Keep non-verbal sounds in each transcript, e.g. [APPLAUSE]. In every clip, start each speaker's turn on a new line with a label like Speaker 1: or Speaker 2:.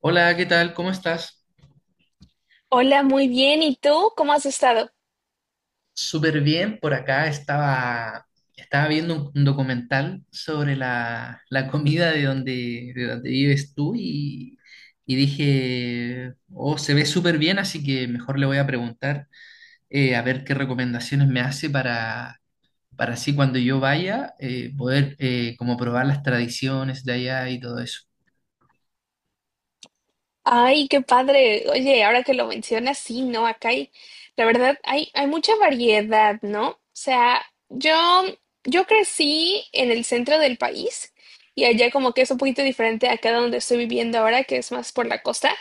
Speaker 1: Hola, ¿qué tal? ¿Cómo estás?
Speaker 2: Hola, muy bien. ¿Y tú? ¿Cómo has estado?
Speaker 1: Súper bien. Por acá estaba viendo un documental sobre la comida de de donde vives tú y dije, oh, se ve súper bien, así que mejor le voy a preguntar a ver qué recomendaciones me hace para así cuando yo vaya poder como probar las tradiciones de allá y todo eso.
Speaker 2: Ay, qué padre. Oye, ahora que lo mencionas, sí, ¿no? Acá hay, la verdad, hay mucha variedad, ¿no? O sea, yo, yo crecí en el centro del país y allá como que es un poquito diferente acá donde estoy viviendo ahora, que es más por la costa.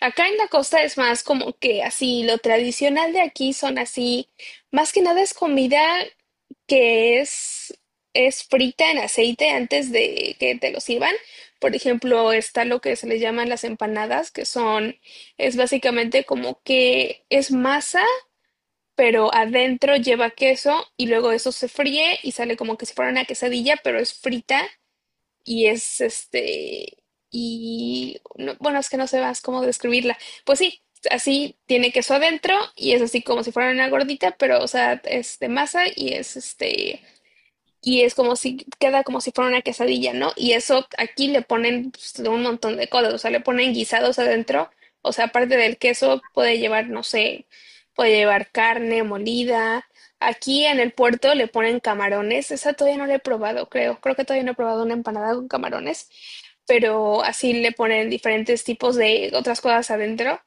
Speaker 2: Acá en la costa es más como que así, lo tradicional de aquí son así, más que nada es comida que es frita en aceite antes de que te lo sirvan. Por ejemplo, está lo que se le llaman las empanadas, es básicamente como que es masa, pero adentro lleva queso y luego eso se fríe y sale como que si fuera una quesadilla, pero es frita y es este, bueno, es que no sé más cómo describirla. Pues sí, así tiene queso adentro y es así como si fuera una gordita, pero o sea, es de masa y es este y es como si queda como si fuera una quesadilla, ¿no? Y eso aquí le ponen pues, un montón de cosas, o sea, le ponen guisados adentro, o sea, aparte del queso puede llevar, no sé, puede llevar carne molida. Aquí en el puerto le ponen camarones, esa todavía no la he probado, creo que todavía no he probado una empanada con camarones, pero así le ponen diferentes tipos de otras cosas adentro.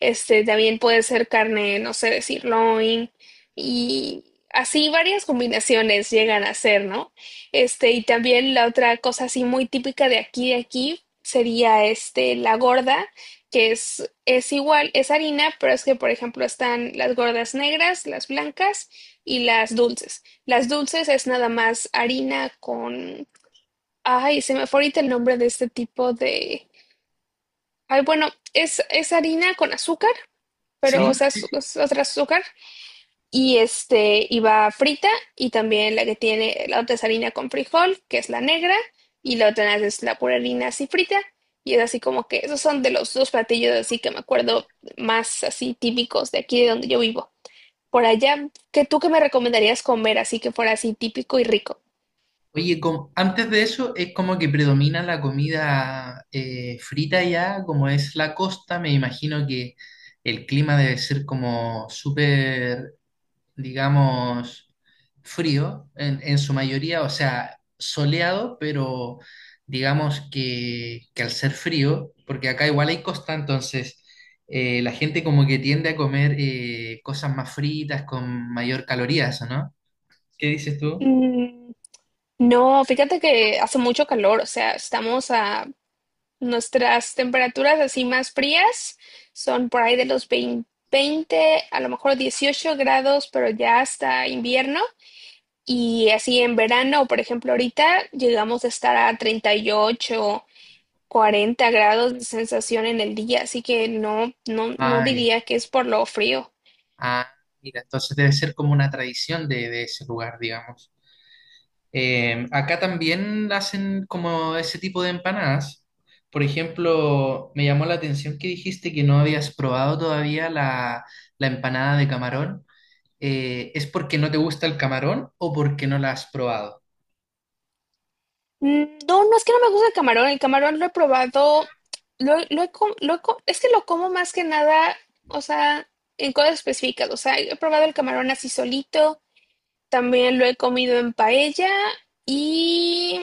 Speaker 2: Este, también puede ser carne, no sé, de sirloin y así varias combinaciones llegan a ser, ¿no? Este, y también la otra cosa así muy típica de aquí, sería este, la gorda, que es igual, es harina, pero es que, por ejemplo, están las gordas negras, las blancas y las dulces. Las dulces es nada más harina con... Ay, se me fue ahorita el nombre de este tipo de... Ay, bueno, es harina con azúcar, pero o
Speaker 1: ¿Sí?
Speaker 2: sea, es otra azúcar. Y este, y va frita. Y también la que tiene, la otra es harina con frijol, que es la negra. Y la otra es la pura harina así frita. Y es así como que esos son de los dos platillos así que me acuerdo más así típicos de aquí de donde yo vivo. Por allá, ¿qué me recomendarías comer así que fuera así típico y rico?
Speaker 1: Oye, antes de eso es como que predomina la comida frita ya. Como es la costa, me imagino que el clima debe ser como súper, digamos, frío en su mayoría, o sea, soleado, pero digamos que al ser frío, porque acá igual hay costa, entonces la gente como que tiende a comer cosas más fritas con mayor calorías, ¿o no? ¿Qué dices tú?
Speaker 2: Mm, No, fíjate que hace mucho calor, o sea, estamos a nuestras temperaturas así más frías, son por ahí de los 20, 20, a lo mejor 18 grados, pero ya hasta invierno. Y así en verano, por ejemplo, ahorita llegamos a estar a 38, 40 grados de sensación en el día, así que no, no, no
Speaker 1: Ah, ya.
Speaker 2: diría que es por lo frío.
Speaker 1: Ah, mira, entonces debe ser como una tradición de ese lugar, digamos. Acá también hacen como ese tipo de empanadas. Por ejemplo, me llamó la atención que dijiste que no habías probado todavía la empanada de camarón. ¿Es porque no te gusta el camarón o porque no la has probado?
Speaker 2: No, no es que no me gusta el camarón. El camarón lo he probado. Lo he com- lo he co- Es que lo como más que nada, o sea, en cosas específicas. O sea, he probado el camarón así solito. También lo he comido en paella. Y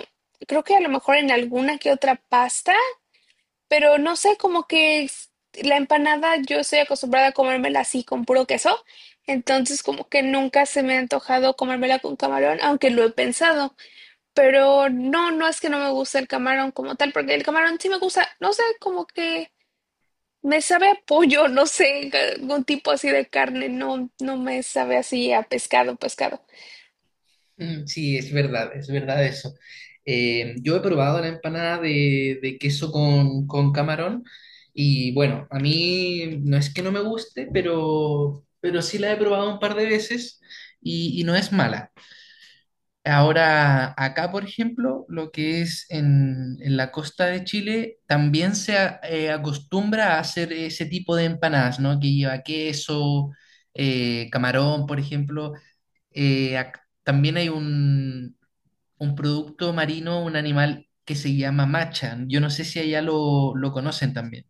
Speaker 2: creo que a lo mejor en alguna que otra pasta. Pero no sé, la empanada yo estoy acostumbrada a comérmela así con puro queso. Entonces, como que nunca se me ha antojado comérmela con camarón, aunque lo he pensado. Pero no, no es que no me guste el camarón como tal, porque el camarón sí me gusta, no sé, como que me sabe a pollo, [LAUGHS] no sé, algún tipo así de carne, no, no me sabe así a pescado, pescado.
Speaker 1: Sí, es verdad eso. Yo he probado la empanada de queso con camarón y bueno, a mí no es que no me guste, pero sí la he probado un par de veces y no es mala. Ahora, acá, por ejemplo, lo que es en la costa de Chile, también acostumbra a hacer ese tipo de empanadas, ¿no? Que lleva queso, camarón, por ejemplo. También hay un producto marino, un animal que se llama macha. Yo no sé si allá lo conocen también.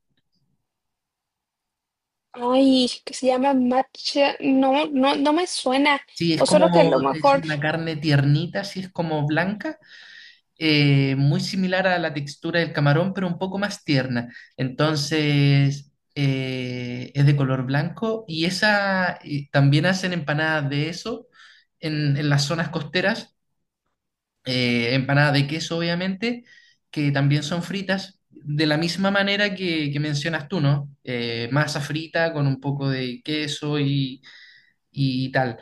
Speaker 2: Ay, que se llama matcha, no, no, no me suena.
Speaker 1: Sí, es
Speaker 2: O solo que a
Speaker 1: como,
Speaker 2: lo
Speaker 1: es
Speaker 2: mejor,
Speaker 1: una carne tiernita, sí, es como blanca, muy similar a la textura del camarón, pero un poco más tierna. Entonces, es de color blanco y esa, y también hacen empanadas de eso en las zonas costeras, empanadas de queso, obviamente, que también son fritas, de la misma manera que mencionas tú, ¿no? Masa frita con un poco de queso y tal.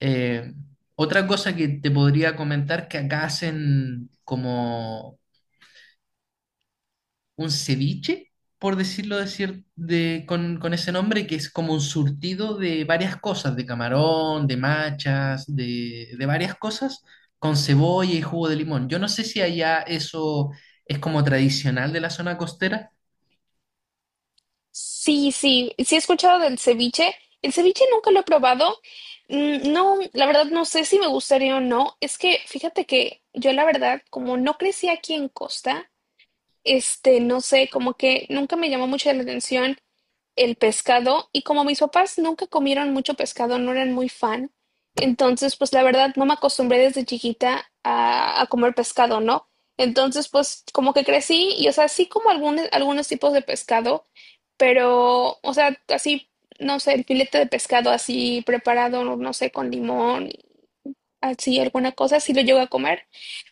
Speaker 1: Eh, otra cosa que te podría comentar que acá hacen como un ceviche, por decirlo con ese nombre, que es como un surtido de varias cosas, de camarón, de machas, de varias cosas, con cebolla y jugo de limón. Yo no sé si allá eso es como tradicional de la zona costera.
Speaker 2: sí, sí, sí he escuchado del ceviche. El ceviche nunca lo he probado. No, la verdad no sé si me gustaría o no. Es que fíjate que yo la verdad, como no crecí aquí en Costa, este, no sé, como que nunca me llamó mucho la atención el pescado y como mis papás nunca comieron mucho pescado, no eran muy fan, entonces pues la verdad no me acostumbré desde chiquita a comer pescado, ¿no? Entonces pues como que crecí y o sea, sí como algunos tipos de pescado, pero o sea, así, no sé, el filete de pescado así preparado, no sé, con limón así alguna cosa, sí lo llego a comer,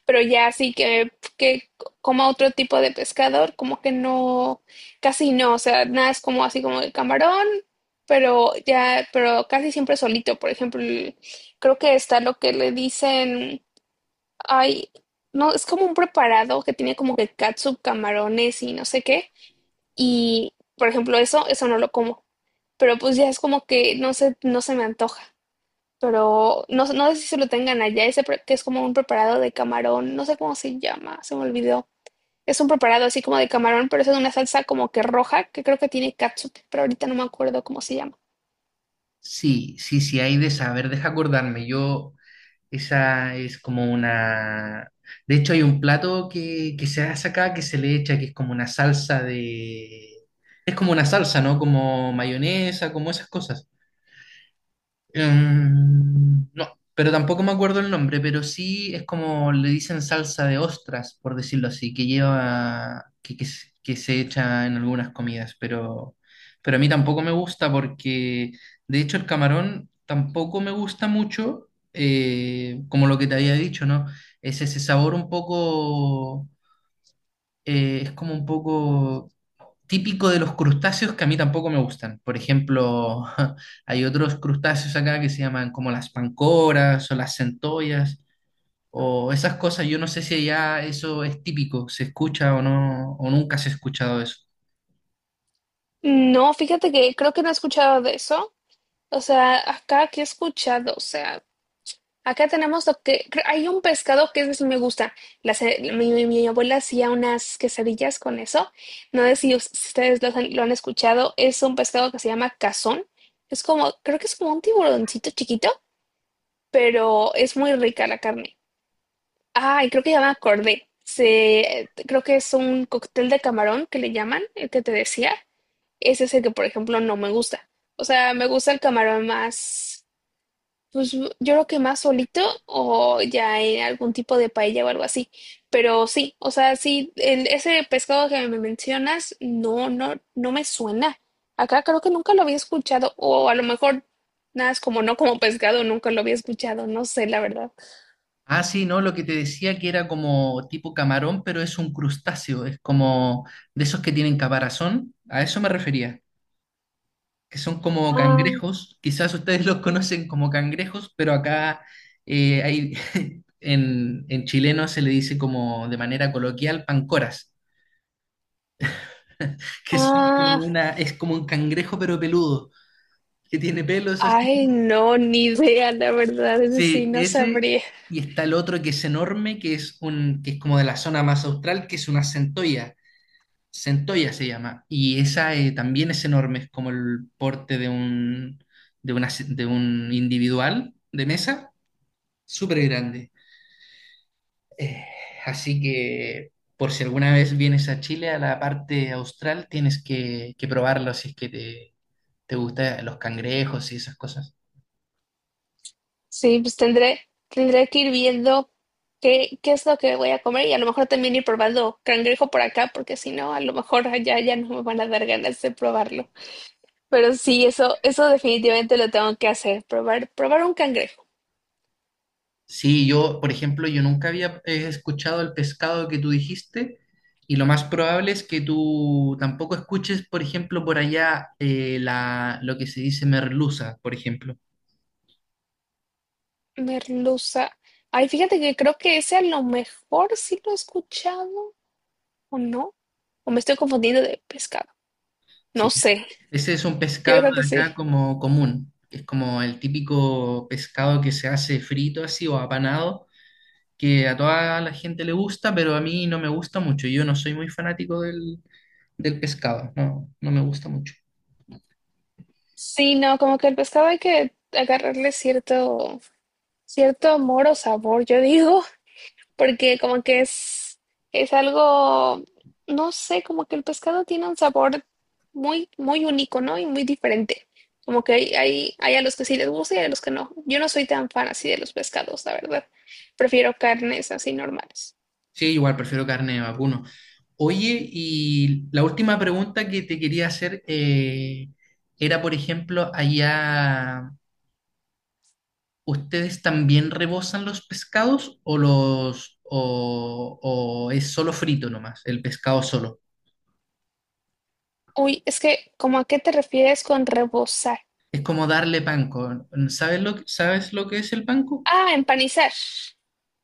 Speaker 2: pero ya así que coma otro tipo de pescador, como que no, casi no, o sea, nada es como así como el camarón, pero ya, pero casi siempre solito, por ejemplo, creo que está lo que le dicen, ay, no, es como un preparado que tiene como que catsup, camarones y no sé qué, y por ejemplo eso, eso no lo como, pero pues ya es como que no sé, no se me antoja pero no, no sé si se lo tengan allá, ese que es como un preparado de camarón, no sé cómo se llama, se me olvidó. Es un preparado así como de camarón, pero es en una salsa como que roja, que creo que tiene catsup, pero ahorita no me acuerdo cómo se llama.
Speaker 1: Sí, sí, sí, hay de saber, deja acordarme. Yo Esa es como una... De hecho, hay un plato que se hace acá que se le echa, que es como una salsa de... Es como una salsa, ¿no? Como mayonesa, como esas cosas. No, pero tampoco me acuerdo el nombre, pero sí es como le dicen salsa de ostras, por decirlo así, que lleva, que se echa en algunas comidas, pero a mí tampoco me gusta porque, de hecho, el camarón tampoco me gusta mucho, como lo que te había dicho, ¿no? Es ese sabor un poco, es como un poco típico de los crustáceos que a mí tampoco me gustan. Por ejemplo, [LAUGHS] hay otros crustáceos acá que se llaman como las pancoras o las centollas o esas cosas. Yo no sé si allá eso es típico, se escucha o no, o nunca se ha escuchado eso.
Speaker 2: No, fíjate que creo que no he escuchado de eso. O sea, acá que he escuchado, o sea, acá tenemos lo que hay un pescado que ese sí me gusta. Mi abuela hacía unas quesadillas con eso. No sé si si ustedes lo han escuchado. Es un pescado que se llama cazón. Es como, creo que es como un tiburoncito chiquito, pero es muy rica la carne. Ah, y creo que llama cordé. Creo que es un cóctel de camarón que le llaman, el que te decía. Ese es el que, por ejemplo, no me gusta. O sea, me gusta el camarón más. Pues yo creo que más solito o ya en algún tipo de paella o algo así. Pero sí, o sea, sí, ese pescado que me mencionas, no, no, no me suena. Acá creo que nunca lo había escuchado, o a lo mejor nada es como no como pescado, nunca lo había escuchado, no sé, la verdad.
Speaker 1: Ah, sí, no, lo que te decía que era como tipo camarón, pero es un crustáceo, es como de esos que tienen caparazón, a eso me refería, que son como
Speaker 2: Ah,
Speaker 1: cangrejos. Quizás ustedes [LAUGHS] los conocen como cangrejos, pero acá eh, hay, [LAUGHS] en chileno se le dice como de manera coloquial pancoras, [LAUGHS] que son
Speaker 2: ah,
Speaker 1: como una, es como un cangrejo pero peludo, que tiene pelos así.
Speaker 2: ay, no, ni idea, la verdad, es decir,
Speaker 1: Sí,
Speaker 2: no
Speaker 1: ese,
Speaker 2: sabría.
Speaker 1: y está el otro que es enorme, que es que es como de la zona más austral, que es una centolla. Centolla se llama, y esa también es enorme, es como el porte de de un individual de mesa, súper grande. Eh, Así que por si alguna vez vienes a Chile, a la parte austral, tienes que probarlo si es que te gustan los cangrejos y esas cosas.
Speaker 2: Sí, pues tendré que ir viendo qué es lo que voy a comer y a lo mejor también ir probando cangrejo por acá, porque si no, a lo mejor allá ya no me van a dar ganas de probarlo. Pero sí, eso definitivamente lo tengo que hacer, probar, probar un cangrejo.
Speaker 1: Sí, yo, por ejemplo, yo nunca había escuchado el pescado que tú dijiste y lo más probable es que tú tampoco escuches, por ejemplo, por allá lo que se dice merluza, por ejemplo.
Speaker 2: Merluza. Ay, fíjate que creo que ese a lo mejor sí lo he escuchado, o no, o me estoy confundiendo de pescado. No
Speaker 1: Sí,
Speaker 2: sé,
Speaker 1: ese es un
Speaker 2: yo
Speaker 1: pescado de
Speaker 2: creo que sí.
Speaker 1: acá como común, que es como el típico pescado que se hace frito así o apanado, que a toda la gente le gusta, pero a mí no me gusta mucho. Yo no soy muy fanático del pescado, no, no me gusta mucho.
Speaker 2: Sí, no, como que el pescado hay que agarrarle cierto, cierto amor o sabor, yo digo. Porque como que es algo, no sé, como que el pescado tiene un sabor muy, muy único, ¿no? Y muy diferente. Como que hay a los que sí les gusta y a los que no. Yo no soy tan fan así de los pescados, la verdad. Prefiero carnes así normales.
Speaker 1: Sí, igual prefiero carne de vacuno. Oye, y la última pregunta que te quería hacer era, por ejemplo, allá ¿ustedes también rebosan los pescados o o es solo frito nomás, el pescado solo?
Speaker 2: Uy, es que, ¿cómo a qué te refieres con rebozar?
Speaker 1: Es como darle panko. ¿Sabes sabes lo que es el panko?
Speaker 2: Ah, empanizar.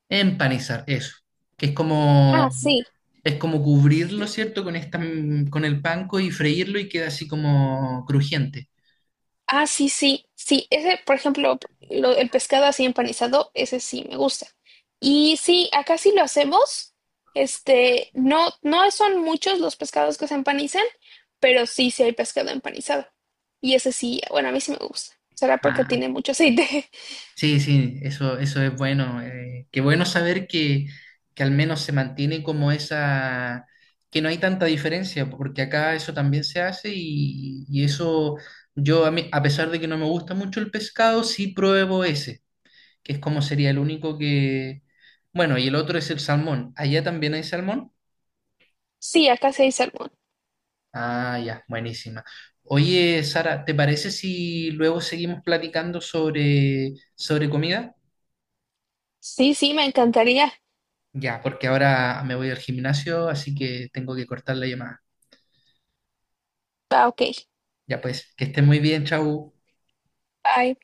Speaker 1: Empanizar, eso. Que es como
Speaker 2: Ah, sí.
Speaker 1: Es como cubrirlo, ¿cierto? Con el panko y freírlo y queda así como crujiente.
Speaker 2: Ah, sí, sí, sí. Ese, por ejemplo, el pescado así empanizado, ese sí me gusta. Y sí, acá sí lo hacemos. Este, no, no son muchos los pescados que se empanizan, pero sí, sí hay pescado empanizado. Y ese sí, bueno, a mí sí me gusta. ¿Será porque
Speaker 1: Ah.
Speaker 2: tiene mucho aceite? [LAUGHS]
Speaker 1: Sí, sí, eso es bueno. Eh, qué bueno saber que al menos se mantiene como esa, que no hay tanta diferencia, porque acá eso también se hace y eso yo, a pesar de que no me gusta mucho el pescado, sí pruebo ese, que es como sería el único que... Bueno, y el otro es el salmón. ¿Allá también hay salmón?
Speaker 2: Sí, acá sí hay salmón.
Speaker 1: Ah, ya, buenísima. Oye, Sara, ¿te parece si luego seguimos platicando sobre comida?
Speaker 2: Sí, sí, me encantaría.
Speaker 1: Ya, porque ahora me voy al gimnasio, así que tengo que cortar la llamada.
Speaker 2: Ah, ok.
Speaker 1: Ya pues, que esté muy bien, chau.
Speaker 2: Bye.